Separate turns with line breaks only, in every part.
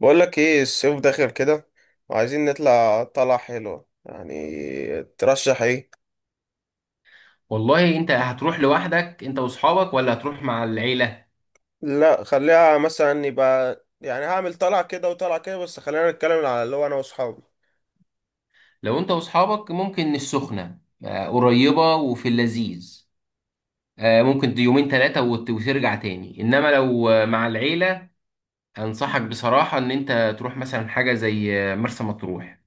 بقول لك ايه الصيف داخل كده، وعايزين نطلع طلعة حلوة. يعني ترشح ايه؟
والله انت هتروح لوحدك انت واصحابك ولا هتروح مع العيلة؟
لا خليها مثلا، يبقى يعني هعمل طلعة كده وطلعة كده، بس خلينا نتكلم على اللي هو انا واصحابي.
لو انت واصحابك ممكن السخنة، قريبة وفي اللذيذ. ممكن يومين ثلاثة وترجع تاني، انما لو مع العيلة انصحك بصراحة ان انت تروح مثلا حاجة زي مرسى مطروح.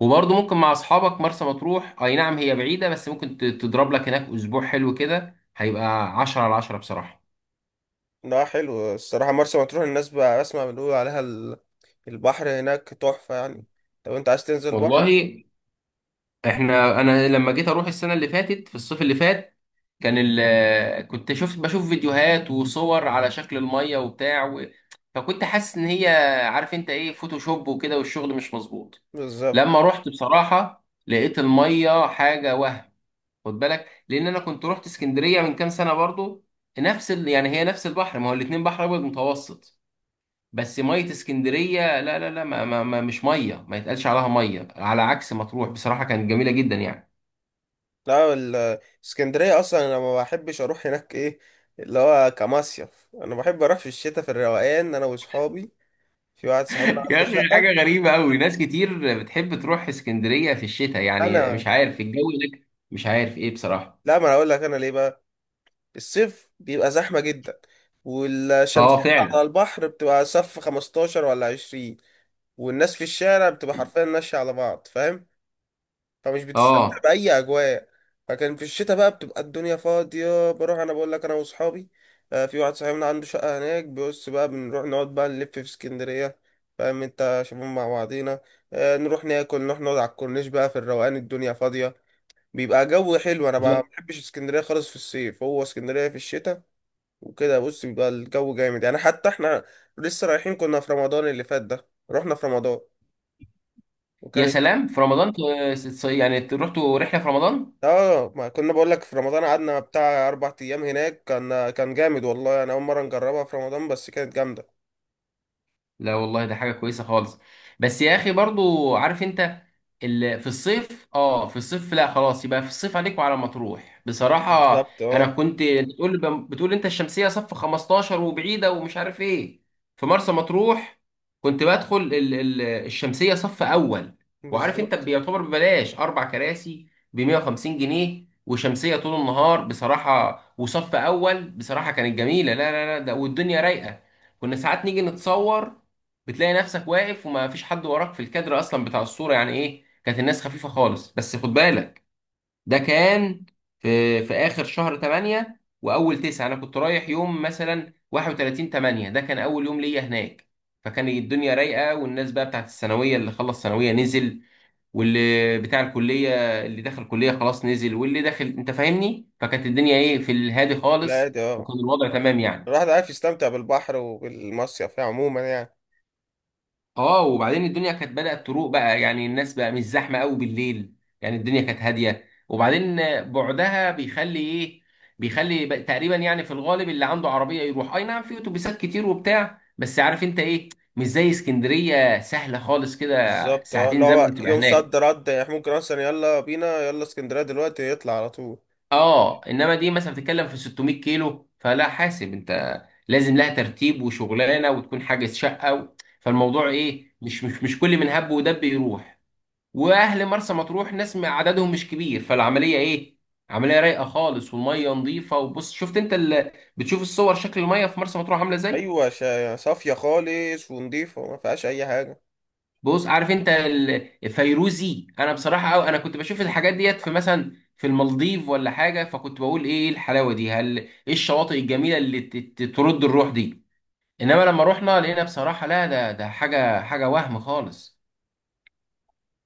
وبرضه ممكن مع اصحابك مرسى مطروح، اي نعم هي بعيدة بس ممكن تضرب لك هناك اسبوع حلو، كده هيبقى عشرة على عشرة بصراحة.
ده حلو الصراحة، مرسى مطروح الناس بقى اسمع بنقول عليها البحر هناك تحفة يعني، لو انت عايز تنزل بحر.
والله، احنا لما جيت اروح السنه اللي فاتت، في الصيف اللي فات، كان كنت شفت بشوف فيديوهات وصور على شكل الميه وبتاع فكنت حاسس ان هي، عارف انت ايه، فوتوشوب وكده والشغل مش مظبوط.
بالظبط.
لما رحت بصراحه لقيت الميه حاجه وهم. خد بالك لان انا كنت رحت اسكندريه من كام سنه برضو، يعني هي نفس البحر، ما هو الاتنين بحر ابيض متوسط. بس ميه اسكندريه، لا لا لا، ما ما ما مش ميه، ما يتقالش عليها ميه، على عكس مطروح بصراحه كانت جميله جدا يعني.
لا اسكندرية اصلا انا ما بحبش اروح هناك. ايه اللي هو كمصيف، انا بحب اروح في الشتاء في الروقان انا واصحابي. في واحد صاحبنا
يا
عنده
اخي حاجه
شقة.
غريبه قوي، ناس كتير بتحب تروح اسكندريه في الشتاء، يعني
انا،
مش عارف الجو هناك مش عارف ايه بصراحه.
لا ما انا اقول لك انا ليه بقى. الصيف بيبقى زحمه جدا، والشمسية
اه
على
فعلا.
البحر بتبقى صف 15 ولا 20، والناس في الشارع بتبقى حرفيا ماشيه على بعض، فاهم؟ فمش بتستمتع
اه.
باي اجواء. فكان في الشتاء بقى بتبقى الدنيا فاضيه، بروح انا بقول لك انا واصحابي. في واحد صاحبنا عنده شقه هناك، بيبص بقى بنروح نقعد بقى نلف في اسكندريه، فاهم انت شباب مع بعضينا. نروح ناكل، نروح نقعد على الكورنيش بقى في الروقان، الدنيا فاضيه، بيبقى جو حلو. انا ما
لا.
بحبش اسكندريه خالص في الصيف، هو اسكندريه في الشتاء. وكده بص بيبقى الجو جامد يعني. حتى احنا لسه رايحين، كنا في رمضان اللي فات، ده رحنا في رمضان
يا
وكان،
سلام، في رمضان؟ يعني رحتوا رحله في رمضان؟
اه ما كنا بقول لك في رمضان قعدنا بتاع اربع ايام هناك، كان كان جامد، والله انا اول مره نجربها في رمضان، بس كانت جامده.
لا والله ده حاجة كويسة خالص. بس يا أخي برضو عارف أنت، في الصيف، اه في الصيف لا خلاص، يبقى في الصيف عليك وعلى مطروح بصراحة.
بالظبط
أنا
اه.
كنت بتقول أنت الشمسية صف 15 وبعيدة ومش عارف إيه، في مرسى مطروح كنت بدخل الشمسية صف أول. وعارف أنت
بالظبط.
بيعتبر ببلاش أربع كراسي ب 150 جنيه وشمسية طول النهار بصراحة، وصف أول بصراحة كانت جميلة، لا لا لا ده والدنيا رايقة. كنا ساعات نيجي نتصور، بتلاقي نفسك واقف وما فيش حد وراك في الكادر اصلا بتاع الصوره، يعني ايه كانت الناس خفيفه خالص. بس خد بالك، ده كان في في اخر شهر 8 واول 9، انا كنت رايح يوم مثلا 31 8، ده كان اول يوم ليا هناك. فكان الدنيا رايقه، والناس بقى بتاعت الثانويه اللي خلص ثانويه نزل، واللي بتاع الكليه اللي دخل كليه خلاص نزل، واللي داخل انت فاهمني، فكانت الدنيا ايه، في الهادي خالص،
العادي اه،
وكان الوضع تمام يعني.
الواحد عارف يستمتع بالبحر وبالمصيف يعني عموما يعني.
اه، وبعدين الدنيا كانت بدأت تروق بقى، يعني الناس بقى مش زحمة قوي بالليل، يعني الدنيا كانت هادية. وبعدين بعدها بيخلي ايه، بيخلي بقى تقريبا يعني في الغالب اللي عنده عربية يروح، اي نعم في اتوبيسات كتير وبتاع، بس عارف انت ايه، مش زي اسكندرية سهلة خالص كده.
بالظبط اه، اللي
ساعتين
هو
زمن بتبقى
يوم صد
هناك،
رد يعني، ممكن اصلا يلا بينا يلا اسكندريه دلوقتي يطلع على طول.
اه. انما دي مثلا بتتكلم في 600 كيلو، فلا حاسب انت، لازم لها ترتيب وشغلانة وتكون حاجز شقة فالموضوع
بالظبط.
ايه، مش كل من هب ودب يروح. واهل مرسى مطروح ناس عددهم مش كبير، فالعمليه ايه، عمليه رايقه خالص، والميه نظيفه. وبص، شفت انت بتشوف الصور شكل الميه في مرسى مطروح عامله ازاي؟
ايوه صافيه خالص ونضيفه وما فيهاش اي حاجه.
بص عارف انت الفيروزي، انا بصراحه أو انا كنت بشوف الحاجات ديت في مثلا في المالديف ولا حاجه، فكنت بقول ايه الحلاوه دي، هل ايه الشواطئ الجميله اللي ترد الروح دي؟ انما لما رحنا لقينا بصراحه، لا ده ده حاجه حاجه وهم خالص.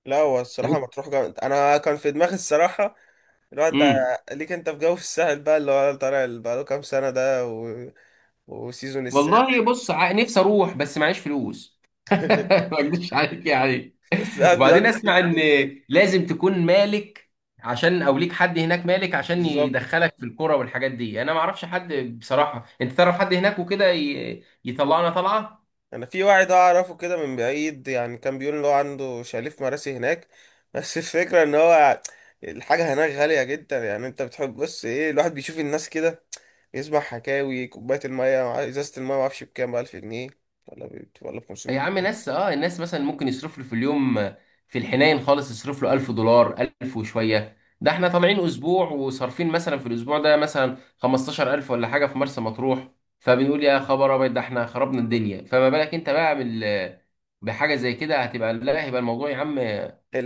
لا هو الصراحه مطروح جامد. انا كان في دماغي الصراحه الواد ده،
امم
ليك انت في جو في الساحل بقى اللي هو طالع، اللي بقاله كام سنه ده وسيزون
والله
الساحل.
بص، نفسي اروح بس معيش فلوس. ما اكدبش عليك يعني.
الساحل
وبعدين
بيقعد
اسمع ان لازم تكون مالك عشان، او ليك حد هناك مالك عشان
بالظبط.
يدخلك في الكوره والحاجات دي، انا ما اعرفش حد بصراحه. انت تعرف حد هناك وكده يطلعنا طلعه.
انا في واحد اعرفه كده من بعيد يعني، كان بيقول ان هو عنده شاليه في مراسي هناك. بس الفكره ان هو الحاجه هناك غاليه جدا يعني. انت بتحب بص ايه، الواحد بيشوف الناس كده يسمع حكاوي، كوباية المية إزازة المية معرفش بكام، بألف جنيه ولا ولا
يا
بخمسمية
عم،
جنيه.
ناس اه، الناس مثلا ممكن يصرف له في اليوم في الحنين خالص يصرف له 1000 دولار 1000 وشويه، ده احنا طالعين اسبوع وصارفين مثلا في الاسبوع ده مثلا 15000 ولا حاجه في مرسى مطروح، فبنقول يا خبر ابيض ده احنا خربنا الدنيا، فما بالك انت بقى بحاجه زي كده، هتبقى لا، هيبقى الموضوع يا عم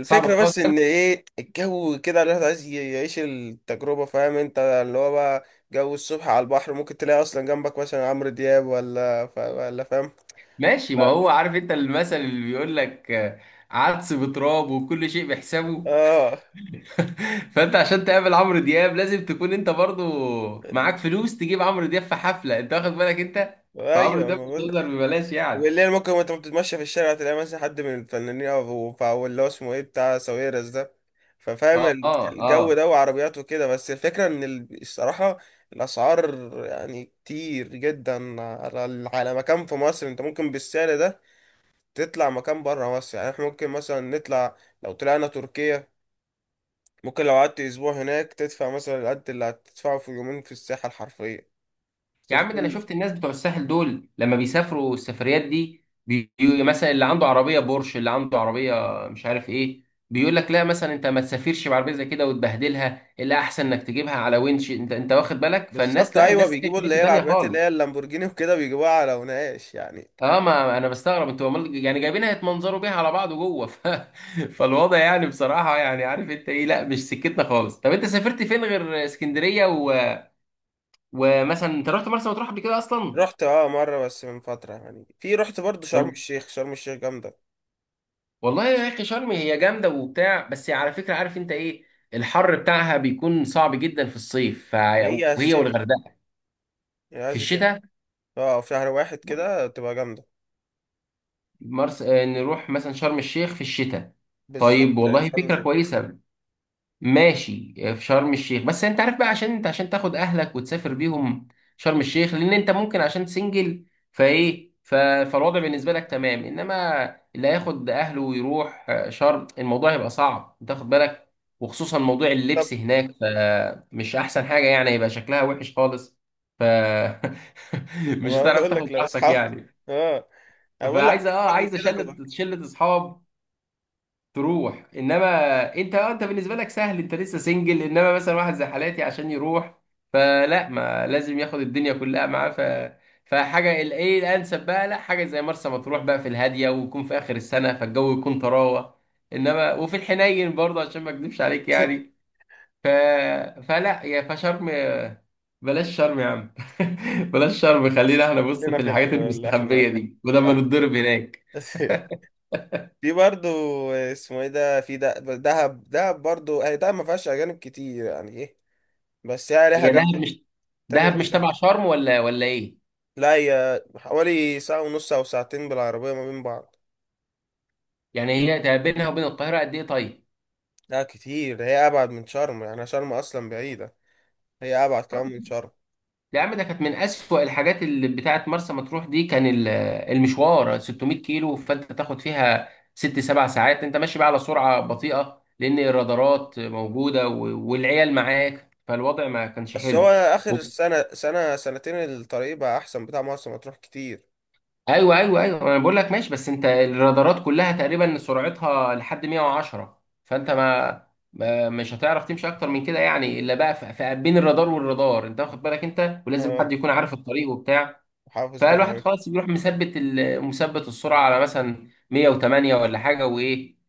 صعب خالص.
بس إن إيه الجو كده، الواحد عايز يعيش التجربة، فاهم أنت اللي هو بقى جو الصبح على البحر، ممكن تلاقي أصلا جنبك مثلا عمرو دياب ولا ولا فاهم.
ماشي، ما هو
لا.
عارف انت المثل اللي بيقول لك، عدس بتراب وكل شيء بحسابه.
آه.
فانت عشان تقابل عمرو دياب لازم تكون انت برضو معاك فلوس تجيب عمرو دياب في حفله، انت واخد بالك انت، فعمرو
أيوه،
دياب
ما
مش
بقول.
هيظهر ببلاش يعني.
والليل ممكن وانت بتتمشى في الشارع تلاقي مثلا حد من الفنانين، او أو اللي هو اسمه ايه بتاع ساويرس ده. ففاهم
اه اه
الجو
اه.
ده وعربيات وكده. بس الفكرة ان الصراحة الاسعار يعني كتير جدا، على على مكان في مصر. انت ممكن بالسعر ده تطلع مكان بره مصر. يعني احنا ممكن مثلا نطلع، لو طلعنا تركيا، ممكن لو قعدت اسبوع هناك تدفع مثلا القد اللي هتدفعه في يومين في الساحة الحرفية،
يا عم، ده انا
تركيا.
شفت الناس بتوع الساحل دول لما بيسافروا السفريات دي مثلا اللي عنده عربيه بورش، اللي عنده عربيه مش عارف ايه، بيقول لك لا مثلا انت ما تسافرش بعربيه زي كده وتبهدلها، الا احسن انك تجيبها على وينش، انت انت واخد بالك فالناس
بالظبط
لا،
ايوه،
الناس في
بيجيبوا اللي
حته
هي
تانيه
العربيات اللي هي
خالص.
اللامبورجيني وكده بيجيبوها على وناقش يعني.
اه، ما انا بستغرب انتوا يعني جايبينها يتمنظروا بيها على بعض جوه فالوضع يعني بصراحه، يعني عارف انت ايه، لا مش سكتنا خالص. طب انت سافرت فين غير اسكندريه ومثلا انت رحت مرسى مطروح قبل كده اصلا؟
رحت اه، مرة بس من فترة يعني، في رحت برضو شرم
طب
الشيخ، شرم الشيخ جامدة.
والله يا اخي شرم هي جامده وبتاع، بس على فكره عارف انت ايه، الحر بتاعها بيكون صعب جدا في الصيف
هي
وهي
الشتاء.
والغردقه
هي
في
عايز الشتاء.
الشتاء.
اه في شهر واحد كده تبقى جامدة.
نروح مثلا شرم الشيخ في الشتاء. طيب
بالظبط،
والله
شرم
فكره
الشيخ.
كويسه. ماشي، في شرم الشيخ، بس انت عارف بقى، عشان انت عشان تاخد اهلك وتسافر بيهم شرم الشيخ، لان انت ممكن عشان سنجل فايه، فالوضع بالنسبه لك تمام، انما اللي هياخد اهله ويروح شرم، الموضوع هيبقى صعب، انت واخد بالك، وخصوصا موضوع
طب
اللبس هناك، فمش احسن حاجه يعني، هيبقى شكلها وحش خالص. ف مش
ما
هتعرف
بقول لك،
تاخد
لو
راحتك
اصحابي،
يعني.
اه. أنا بقول لك
فعايزه اه،
اصحابي
عايزه
كده
شله
تبقى.
شله اصحاب تروح، انما انت انت بالنسبه لك سهل، انت لسه سنجل، انما مثلا واحد زي حالاتي عشان يروح فلا، ما لازم ياخد الدنيا كلها معاه ف، فحاجه الايه الانسب بقى، لا حاجه زي مرسى مطروح بقى في الهاديه، ويكون في اخر السنه فالجو يكون طراوه، انما وفي الحنين برضه عشان ما اكذبش عليك يعني. ف فلا يا، فشرم، بلاش شرم يا عم. بلاش شرم، خلينا احنا بص
خلينا
في
في
الحاجات
اللي
المستخبيه
احنا
دي ولما
بتاع.
نتضرب هناك.
في برضو اسمه ايه ده، في ده دهب. دهب برضو، هي دهب ما فيهاش اجانب كتير يعني ايه، بس هي ليها
هي
جو
دهب مش،
تاني
دهب
غير
مش
شرم.
تبع شرم ولا ايه؟
لا هي حوالي ساعة ونص أو ساعتين بالعربية ما بين بعض.
يعني هي ده بينها وبين القاهرة قد إيه طيب؟
لا كتير، هي ابعد من شرم، يعني شرم اصلا بعيده، هي ابعد كمان من
طيب.
شرم.
يا عم ده كانت من أسوأ الحاجات اللي بتاعت مرسى مطروح دي، كان المشوار 600 كيلو، فأنت تاخد فيها ست سبع ساعات أنت ماشي بقى على سرعة بطيئة، لأن الرادارات موجودة والعيال معاك، فالوضع ما كانش
بس هو
حلو.
اخر سنه، سنه سنتين الطريق بقى احسن بتاع مرسى مطروح كتير.
ايوه ايوه ايوه، انا بقول لك ماشي، بس انت الرادارات كلها تقريبا سرعتها لحد 110، فانت ما, ما مش هتعرف تمشي اكتر من كده يعني الا بقى بين الرادار والرادار، انت واخد بالك انت، ولازم
اه
حد يكون عارف الطريق وبتاع.
حافظ بقى
فالواحد
الاماكن.
خلاص بيروح مثبت مثبت السرعه على مثلا 108 ولا حاجه، وايه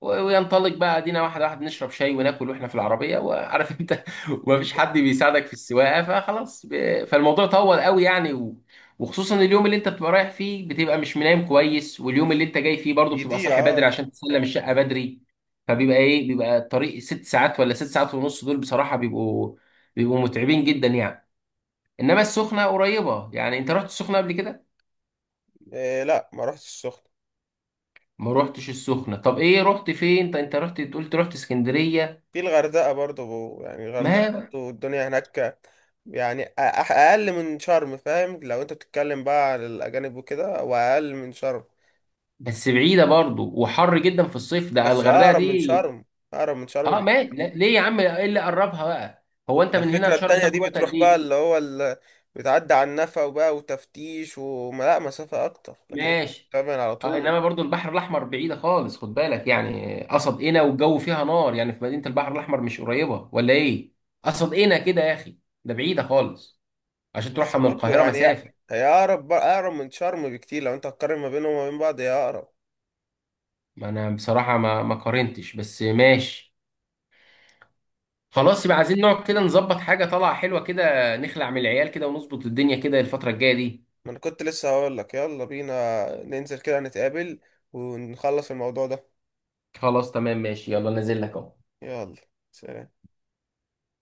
وينطلق بقى، ادينا واحد واحد نشرب شاي وناكل واحنا في العربيه، وعارف انت ومفيش حد بيساعدك في السواقه، فخلاص فالموضوع طول قوي يعني وخصوصا اليوم اللي انت بتبقى رايح فيه بتبقى مش منام كويس، واليوم اللي انت جاي فيه برضه
دي
بتبقى
دي
صاحي
اه.
بدري عشان تسلم الشقه بدري، فبيبقى ايه، بيبقى الطريق ست ساعات ولا ست ساعات ونص، دول بصراحه بيبقوا متعبين جدا يعني. انما السخنه قريبه، يعني انت رحت السخنه قبل كده؟
إيه لا ما رحتش السخنه.
ما روحتش السخنه، طب ايه رحت فين انت، انت رحت قلت رحت اسكندريه
في الغردقه برضو، يعني الغردقه
ما
برضو الدنيا هناك، يعني اقل من شرم، فاهم؟ لو انت بتتكلم بقى على الاجانب وكده، واقل من شرم،
بس بعيده برضو وحر جدا في الصيف ده،
بس
الغردقه
اقرب من
دي
شرم، اقرب من شرم
اه ماشي، لا،
بكتير.
ليه يا عم، ايه اللي قربها بقى، هو انت من هنا
الفكرة
لشرم
التانية
تاخد
دي
وقت قد
بتروح بقى
ايه؟
اللي هو بتعدي على النفق وبقى وتفتيش وما لا مسافة أكتر، لكن أنت
ماشي.
بتعمل على
آه،
طول.
انما برضو البحر الاحمر بعيده خالص، خد بالك، يعني قصد قنا والجو فيها نار يعني، في مدينه البحر الاحمر مش قريبه ولا ايه، قصد قنا كده يا اخي، ده بعيده خالص، عشان تروحها
بس
من
برضه
القاهره
يعني هي
مسافه.
هي أقرب بقى، أقرب من شرم بكتير. لو أنت هتقارن ما بينهم وما بين بعض، هي أقرب.
ما انا بصراحه، ما ما قارنتش، بس ماشي.
طب
خلاص يبقى عايزين نقعد كده نظبط حاجه طالعه حلوه كده، نخلع من العيال كده ونظبط الدنيا كده الفتره الجايه دي.
ما أنا كنت لسه هقول لك يلا بينا ننزل كده نتقابل، ونخلص الموضوع ده.
خلاص تمام، ماشي، يلا نازل لك اهو.
يلا. سلام.